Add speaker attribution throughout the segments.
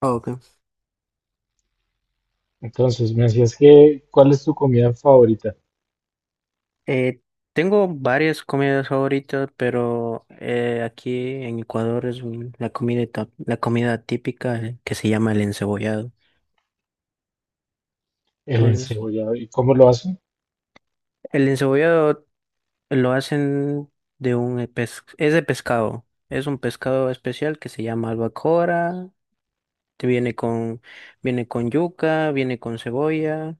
Speaker 1: Ah, ok.
Speaker 2: Entonces, me decías que, ¿cuál es tu comida favorita?
Speaker 1: Eh, Tengo varias comidas favoritas, pero aquí en Ecuador es la comida, la comida típica que se llama el encebollado.
Speaker 2: El
Speaker 1: Entonces,
Speaker 2: encebollado. ¿Y cómo lo hacen?
Speaker 1: el encebollado lo hacen de un es de pescado. Es un pescado especial que se llama albacora. Te viene con yuca, viene con cebolla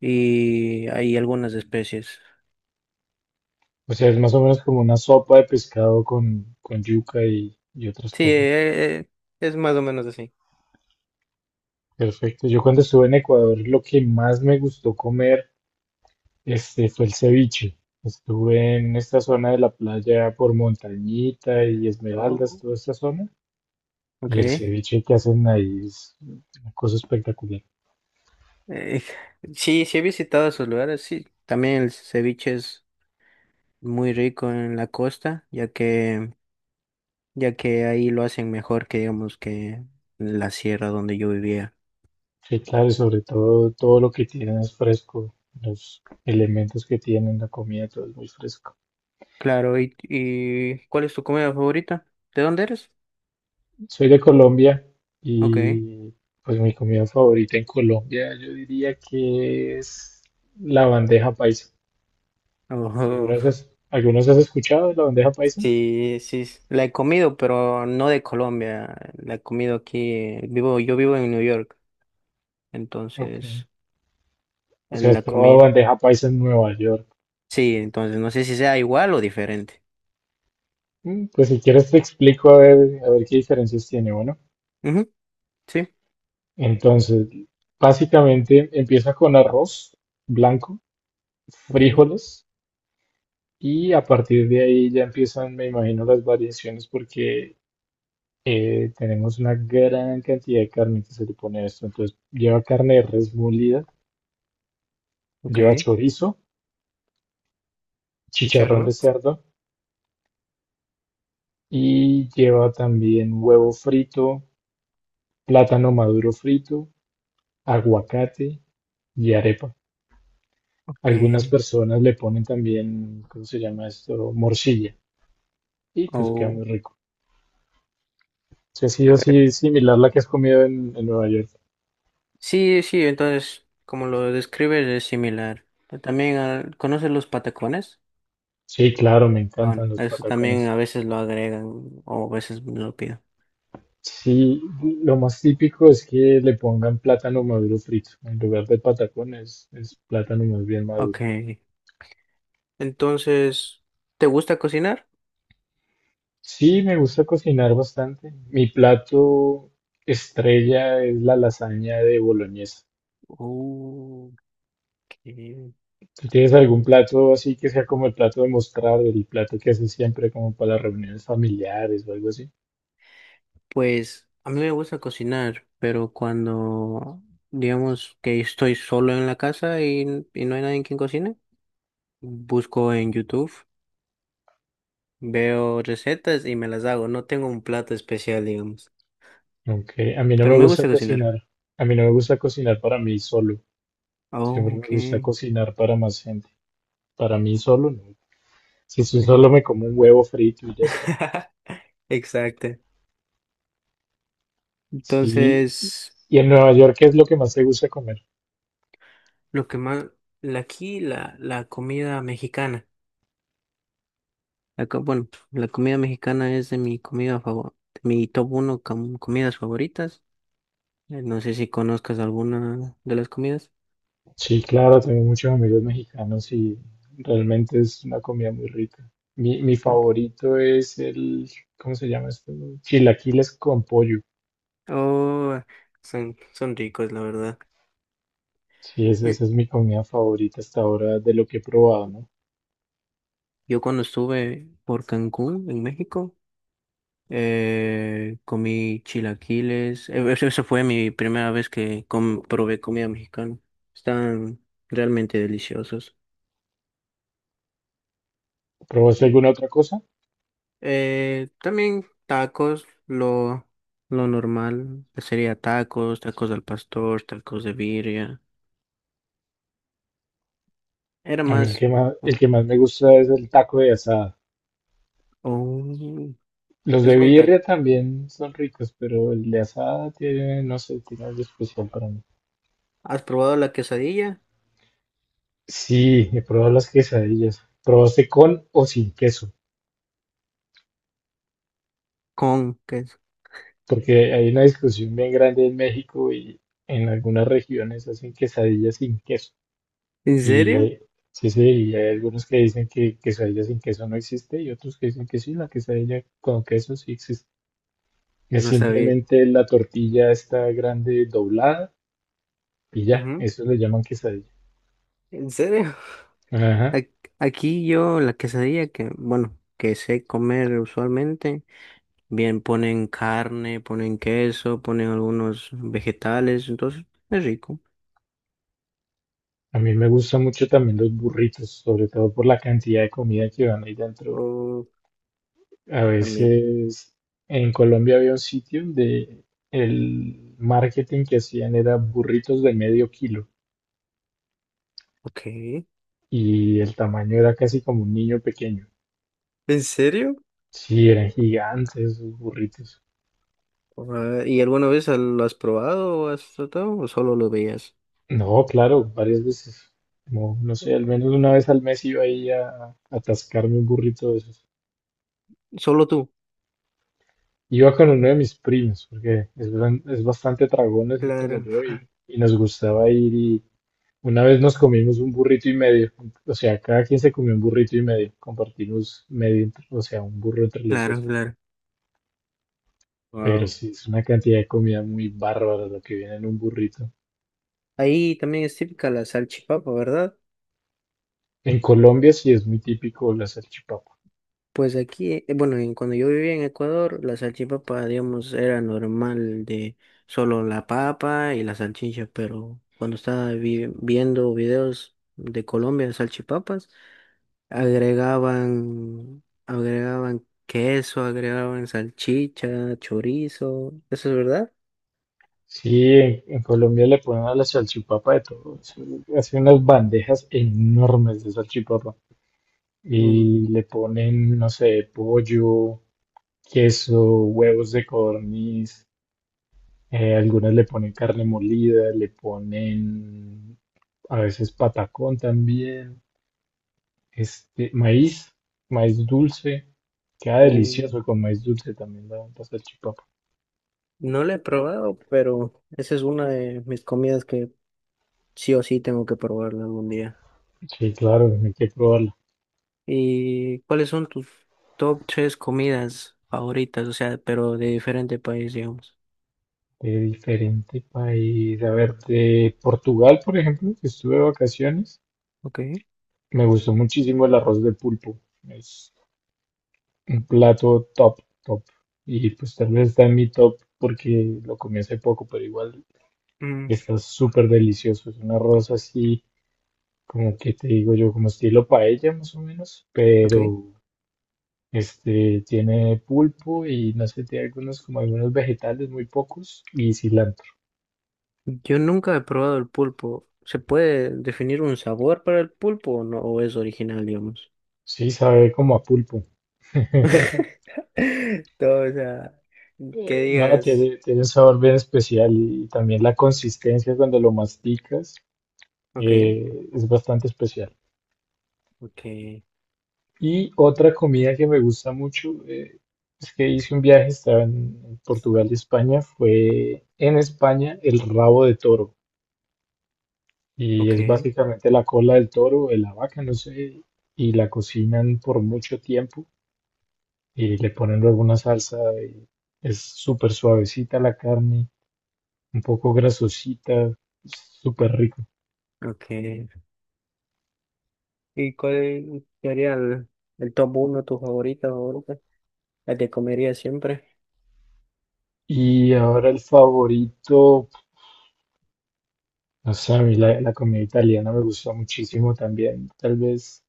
Speaker 1: y hay algunas especies.
Speaker 2: O sea, es más o menos como una sopa de pescado con, yuca y, otras
Speaker 1: Sí,
Speaker 2: cosas.
Speaker 1: es más o menos así.
Speaker 2: Perfecto. Yo cuando estuve en Ecuador, lo que más me gustó comer, fue el ceviche. Estuve en esta zona de la playa por Montañita y Esmeraldas,
Speaker 1: Oh.
Speaker 2: toda esta zona.
Speaker 1: Ok.
Speaker 2: Y el ceviche que hacen ahí es una cosa espectacular.
Speaker 1: Eh, sí, sí he visitado esos lugares, sí. También el ceviche es muy rico en la costa, ya que ahí lo hacen mejor que digamos que en la sierra donde yo vivía.
Speaker 2: Sí, claro, y sobre todo todo lo que tienen es fresco, los elementos que tienen, la comida, todo es muy fresco.
Speaker 1: Claro, y ¿cuál es tu comida favorita? ¿De dónde eres?
Speaker 2: Soy de Colombia
Speaker 1: Ok.
Speaker 2: y pues mi comida favorita en Colombia yo diría que es la bandeja paisa. ¿Algunos
Speaker 1: Ojo.
Speaker 2: has, algunos has escuchado de la bandeja paisa?
Speaker 1: Sí, sí, la he comido, pero no de Colombia. La he comido aquí, vivo, yo vivo en New York,
Speaker 2: Ok.
Speaker 1: entonces
Speaker 2: O sea, ¿has
Speaker 1: la
Speaker 2: probado
Speaker 1: comí.
Speaker 2: bandeja paisa en Nueva York?
Speaker 1: Sí, entonces no sé si sea igual o diferente.
Speaker 2: Mm, pues si quieres te explico a ver qué diferencias tiene, bueno.
Speaker 1: Ujú, sí.
Speaker 2: Entonces, básicamente empieza con arroz blanco,
Speaker 1: Ok.
Speaker 2: frijoles. Y a partir de ahí ya empiezan, me imagino, las variaciones porque tenemos una gran cantidad de carne que se le pone a esto. Entonces lleva carne de res molida,
Speaker 1: Ok,
Speaker 2: lleva chorizo, chicharrón de
Speaker 1: chicharrón.
Speaker 2: cerdo y lleva también huevo frito, plátano maduro frito, aguacate y arepa.
Speaker 1: Ok.
Speaker 2: Algunas personas le ponen también, ¿cómo se llama esto? Morcilla. Y pues queda
Speaker 1: Oh.
Speaker 2: muy rico. Si ha sido así similar la que has comido en, Nueva York.
Speaker 1: Sí, sí, entonces, como lo describes, es similar. Pero también, ah, ¿conoces los patacones?
Speaker 2: Sí, claro, me
Speaker 1: Ah, no,
Speaker 2: encantan los
Speaker 1: eso también
Speaker 2: patacones.
Speaker 1: a veces lo agregan o a veces me lo pido.
Speaker 2: Sí, lo más típico es que le pongan plátano maduro frito. En lugar de patacones, es plátano más bien
Speaker 1: Ok.
Speaker 2: maduro.
Speaker 1: Entonces, ¿te gusta cocinar?
Speaker 2: Sí, me gusta cocinar bastante. Mi plato estrella es la lasaña de boloñesa.
Speaker 1: Oh, ok.
Speaker 2: ¿Tú tienes algún plato así que sea como el plato de mostrar, el plato que haces siempre como para las reuniones familiares o algo así?
Speaker 1: Pues a mí me gusta cocinar, pero cuando digamos que estoy solo en la casa y no hay nadie quien cocine, busco en YouTube. Veo recetas y me las hago. No tengo un plato especial, digamos.
Speaker 2: Aunque a mí no
Speaker 1: Pero
Speaker 2: me
Speaker 1: me
Speaker 2: gusta
Speaker 1: gusta cocinar.
Speaker 2: cocinar. A mí no me gusta cocinar para mí solo.
Speaker 1: Oh,
Speaker 2: Siempre me gusta
Speaker 1: ok.
Speaker 2: cocinar para más gente. Para mí solo no. Si sí, solo
Speaker 1: Ujú.
Speaker 2: me como un huevo frito y ya está.
Speaker 1: Exacto.
Speaker 2: Sí, y
Speaker 1: Entonces,
Speaker 2: en Nueva York, ¿qué es lo que más te gusta comer?
Speaker 1: lo que más, aquí la comida mexicana. Bueno, la comida mexicana es de mi comida favor, de mi top 1 comidas favoritas. No sé si conozcas alguna de las comidas.
Speaker 2: Sí, claro, tengo muchos amigos mexicanos y realmente es una comida muy rica. Mi
Speaker 1: Claro.
Speaker 2: favorito es el, ¿cómo se llama esto? Chilaquiles con pollo.
Speaker 1: Oh, son, son ricos, la verdad.
Speaker 2: Sí,
Speaker 1: Yo
Speaker 2: esa es mi comida favorita hasta ahora de lo que he probado, ¿no?
Speaker 1: yo cuando estuve por Cancún, en México, comí chilaquiles. Esa esa fue mi primera vez que probé comida mexicana. Están realmente deliciosos.
Speaker 2: ¿Probaste
Speaker 1: En-
Speaker 2: alguna otra cosa?
Speaker 1: también tacos, lo normal sería tacos, tacos al pastor, tacos de birria. Era
Speaker 2: A mí el
Speaker 1: más...
Speaker 2: que más, el que más me gusta es el taco de asada.
Speaker 1: Oh,
Speaker 2: Los
Speaker 1: es
Speaker 2: de
Speaker 1: buen
Speaker 2: birria
Speaker 1: taco.
Speaker 2: también son ricos, pero el de asada tiene, no sé, tiene algo especial para mí.
Speaker 1: ¿Has probado la quesadilla?
Speaker 2: Sí, he probado las quesadillas. ¿Probaste con o sin queso?
Speaker 1: ¿Con queso?
Speaker 2: Porque hay una discusión bien grande en México y en algunas regiones hacen quesadillas sin queso.
Speaker 1: ¿En
Speaker 2: Y
Speaker 1: serio?
Speaker 2: sí, sí, y hay algunos que dicen que quesadilla sin queso no existe y otros que dicen que sí, la quesadilla con queso sí existe. Es
Speaker 1: No sabía.
Speaker 2: simplemente la tortilla está grande doblada y ya,
Speaker 1: Ujú.
Speaker 2: eso le llaman quesadilla.
Speaker 1: ¿En serio?
Speaker 2: Ajá.
Speaker 1: Ac- Aquí yo la quesadilla que, bueno, que sé comer usualmente, bien ponen carne, ponen queso, ponen algunos vegetales, entonces es rico.
Speaker 2: A mí me gustan mucho también los burritos, sobre todo por la cantidad de comida que van ahí dentro.
Speaker 1: Oh,
Speaker 2: A
Speaker 1: también.
Speaker 2: veces en Colombia había un sitio donde el marketing que hacían era burritos de medio kilo
Speaker 1: Ok.
Speaker 2: y el tamaño era casi como un niño pequeño.
Speaker 1: ¿En serio?
Speaker 2: Sí, eran gigantes esos burritos.
Speaker 1: Ah, ¿y alguna vez lo has probado o has tratado o solo lo veías?
Speaker 2: No, claro, varias veces. No, no sé, al menos una vez al mes iba ahí a, atascarme un burrito de esos.
Speaker 1: Solo tú.
Speaker 2: Iba con uno de mis primos, porque es, es bastante tragón así como
Speaker 1: Claro,
Speaker 2: yo y, nos gustaba ir. Una vez nos comimos un burrito y medio, o sea, cada quien se comió un burrito y medio, compartimos medio, o sea, un burro entre los
Speaker 1: claro,
Speaker 2: dos.
Speaker 1: claro.
Speaker 2: Pero
Speaker 1: Wow.
Speaker 2: sí, es una cantidad de comida muy bárbara lo que viene en un burrito.
Speaker 1: Ahí también es típica la salchipapa, ¿verdad?
Speaker 2: En Colombia sí es muy típico la salchipapa.
Speaker 1: Pues aquí, bueno, cuando yo vivía en Ecuador, la salchipapa, digamos, era normal de solo la papa y la salchicha, pero cuando estaba viendo videos de Colombia de salchipapas, agregaban queso, agregaban salchicha, chorizo, ¿eso es verdad?
Speaker 2: Sí, en, Colombia le ponen a la salchipapa de todo. Hacen unas bandejas enormes de salchipapa
Speaker 1: Mm,
Speaker 2: y le ponen, no sé, pollo, queso, huevos de codorniz. Algunas le ponen carne molida, le ponen a veces patacón también, maíz, maíz dulce, queda
Speaker 1: o-
Speaker 2: delicioso con maíz dulce también la, salchipapa.
Speaker 1: no la he probado, pero esa es una de mis comidas que sí o sí tengo que probarla algún día.
Speaker 2: Sí, claro, hay que probarla.
Speaker 1: ¿Y cuáles son tus top tres comidas favoritas? O sea, pero de diferente país, digamos.
Speaker 2: De diferente país, a ver, de Portugal, por ejemplo, que estuve de vacaciones,
Speaker 1: Ok.
Speaker 2: me gustó muchísimo el arroz de pulpo, es un plato top, top. Y pues tal vez está en mi top porque lo comí hace poco, pero igual
Speaker 1: Mm,
Speaker 2: está súper delicioso. Es un arroz así, como que te digo yo, como estilo paella más o menos,
Speaker 1: ok.
Speaker 2: pero este tiene pulpo y no sé, tiene algunos como algunos vegetales, muy pocos, y cilantro.
Speaker 1: Yo nunca he probado el pulpo. ¿Se puede definir un sabor para el pulpo o no? ¿O es original, digamos?
Speaker 2: Sí, sabe como a pulpo.
Speaker 1: Todo, o sea, que
Speaker 2: No,
Speaker 1: digas,
Speaker 2: tiene, un sabor bien especial y también la consistencia cuando lo masticas
Speaker 1: ok,
Speaker 2: es bastante especial.
Speaker 1: ok,
Speaker 2: Y otra comida que me gusta mucho, es que hice un viaje, estaba en Portugal y España, fue en España el rabo de toro. Y es
Speaker 1: ok,
Speaker 2: básicamente la cola del toro, de la vaca, no sé, y la cocinan por mucho tiempo y le ponen luego una salsa y es súper suavecita la carne, un poco grasosita, súper rico.
Speaker 1: ok. ¿Y cuál sería el top uno, tu favorita, favorita? La que comería siempre.
Speaker 2: Y ahora el favorito, no sé, a mí la, comida italiana me gusta muchísimo también, tal vez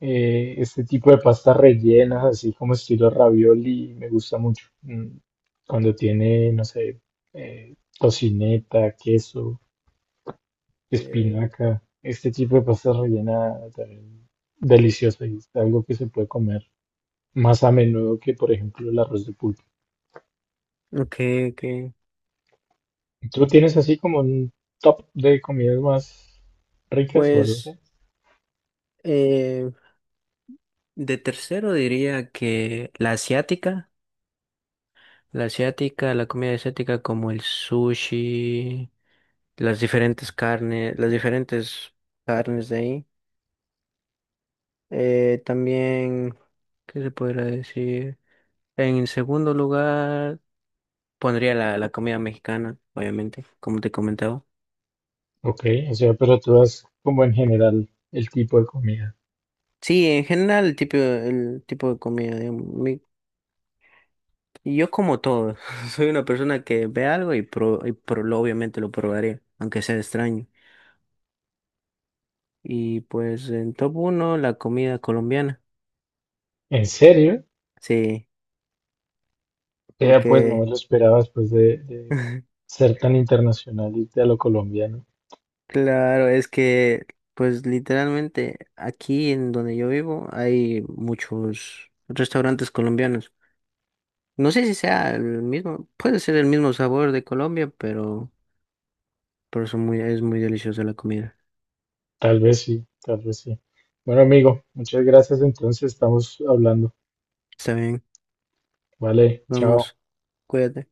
Speaker 2: este tipo de pastas rellenas, así como estilo ravioli, me gusta mucho. Mm, cuando tiene, no sé, tocineta, queso,
Speaker 1: Eh,
Speaker 2: espinaca, este tipo de pastas rellenas también deliciosa y es algo que se puede comer más a menudo que, por ejemplo, el arroz de pulpo.
Speaker 1: ok, ok.
Speaker 2: ¿Tú tienes así como un top de comidas más ricas o algo así?
Speaker 1: Pues. eh, De tercero diría que la asiática, la asiática, la comida asiática como el sushi, las diferentes carnes de ahí. También, ¿qué se podría decir? En segundo lugar, pondría la comida mexicana, obviamente, como te comentaba.
Speaker 2: Ok, o sea, pero tú das como en general el tipo de comida.
Speaker 1: Sí, en general el tipo de comida, digamos, yo como todo, soy una persona que ve algo y obviamente lo probaré, aunque sea extraño. Y pues en top uno, la comida colombiana.
Speaker 2: ¿En serio?
Speaker 1: Sí,
Speaker 2: Vea, pues no me
Speaker 1: porque
Speaker 2: lo esperaba después de, ser tan internacional y a lo colombiano.
Speaker 1: claro, es que pues literalmente aquí en donde yo vivo hay muchos restaurantes colombianos. No sé si sea el mismo, puede ser el mismo sabor de Colombia, pero son muy, es muy deliciosa la comida.
Speaker 2: Tal vez sí, tal vez sí. Bueno, amigo, muchas gracias. Entonces estamos hablando.
Speaker 1: Está bien,
Speaker 2: Vale, chao.
Speaker 1: vamos, cuídate.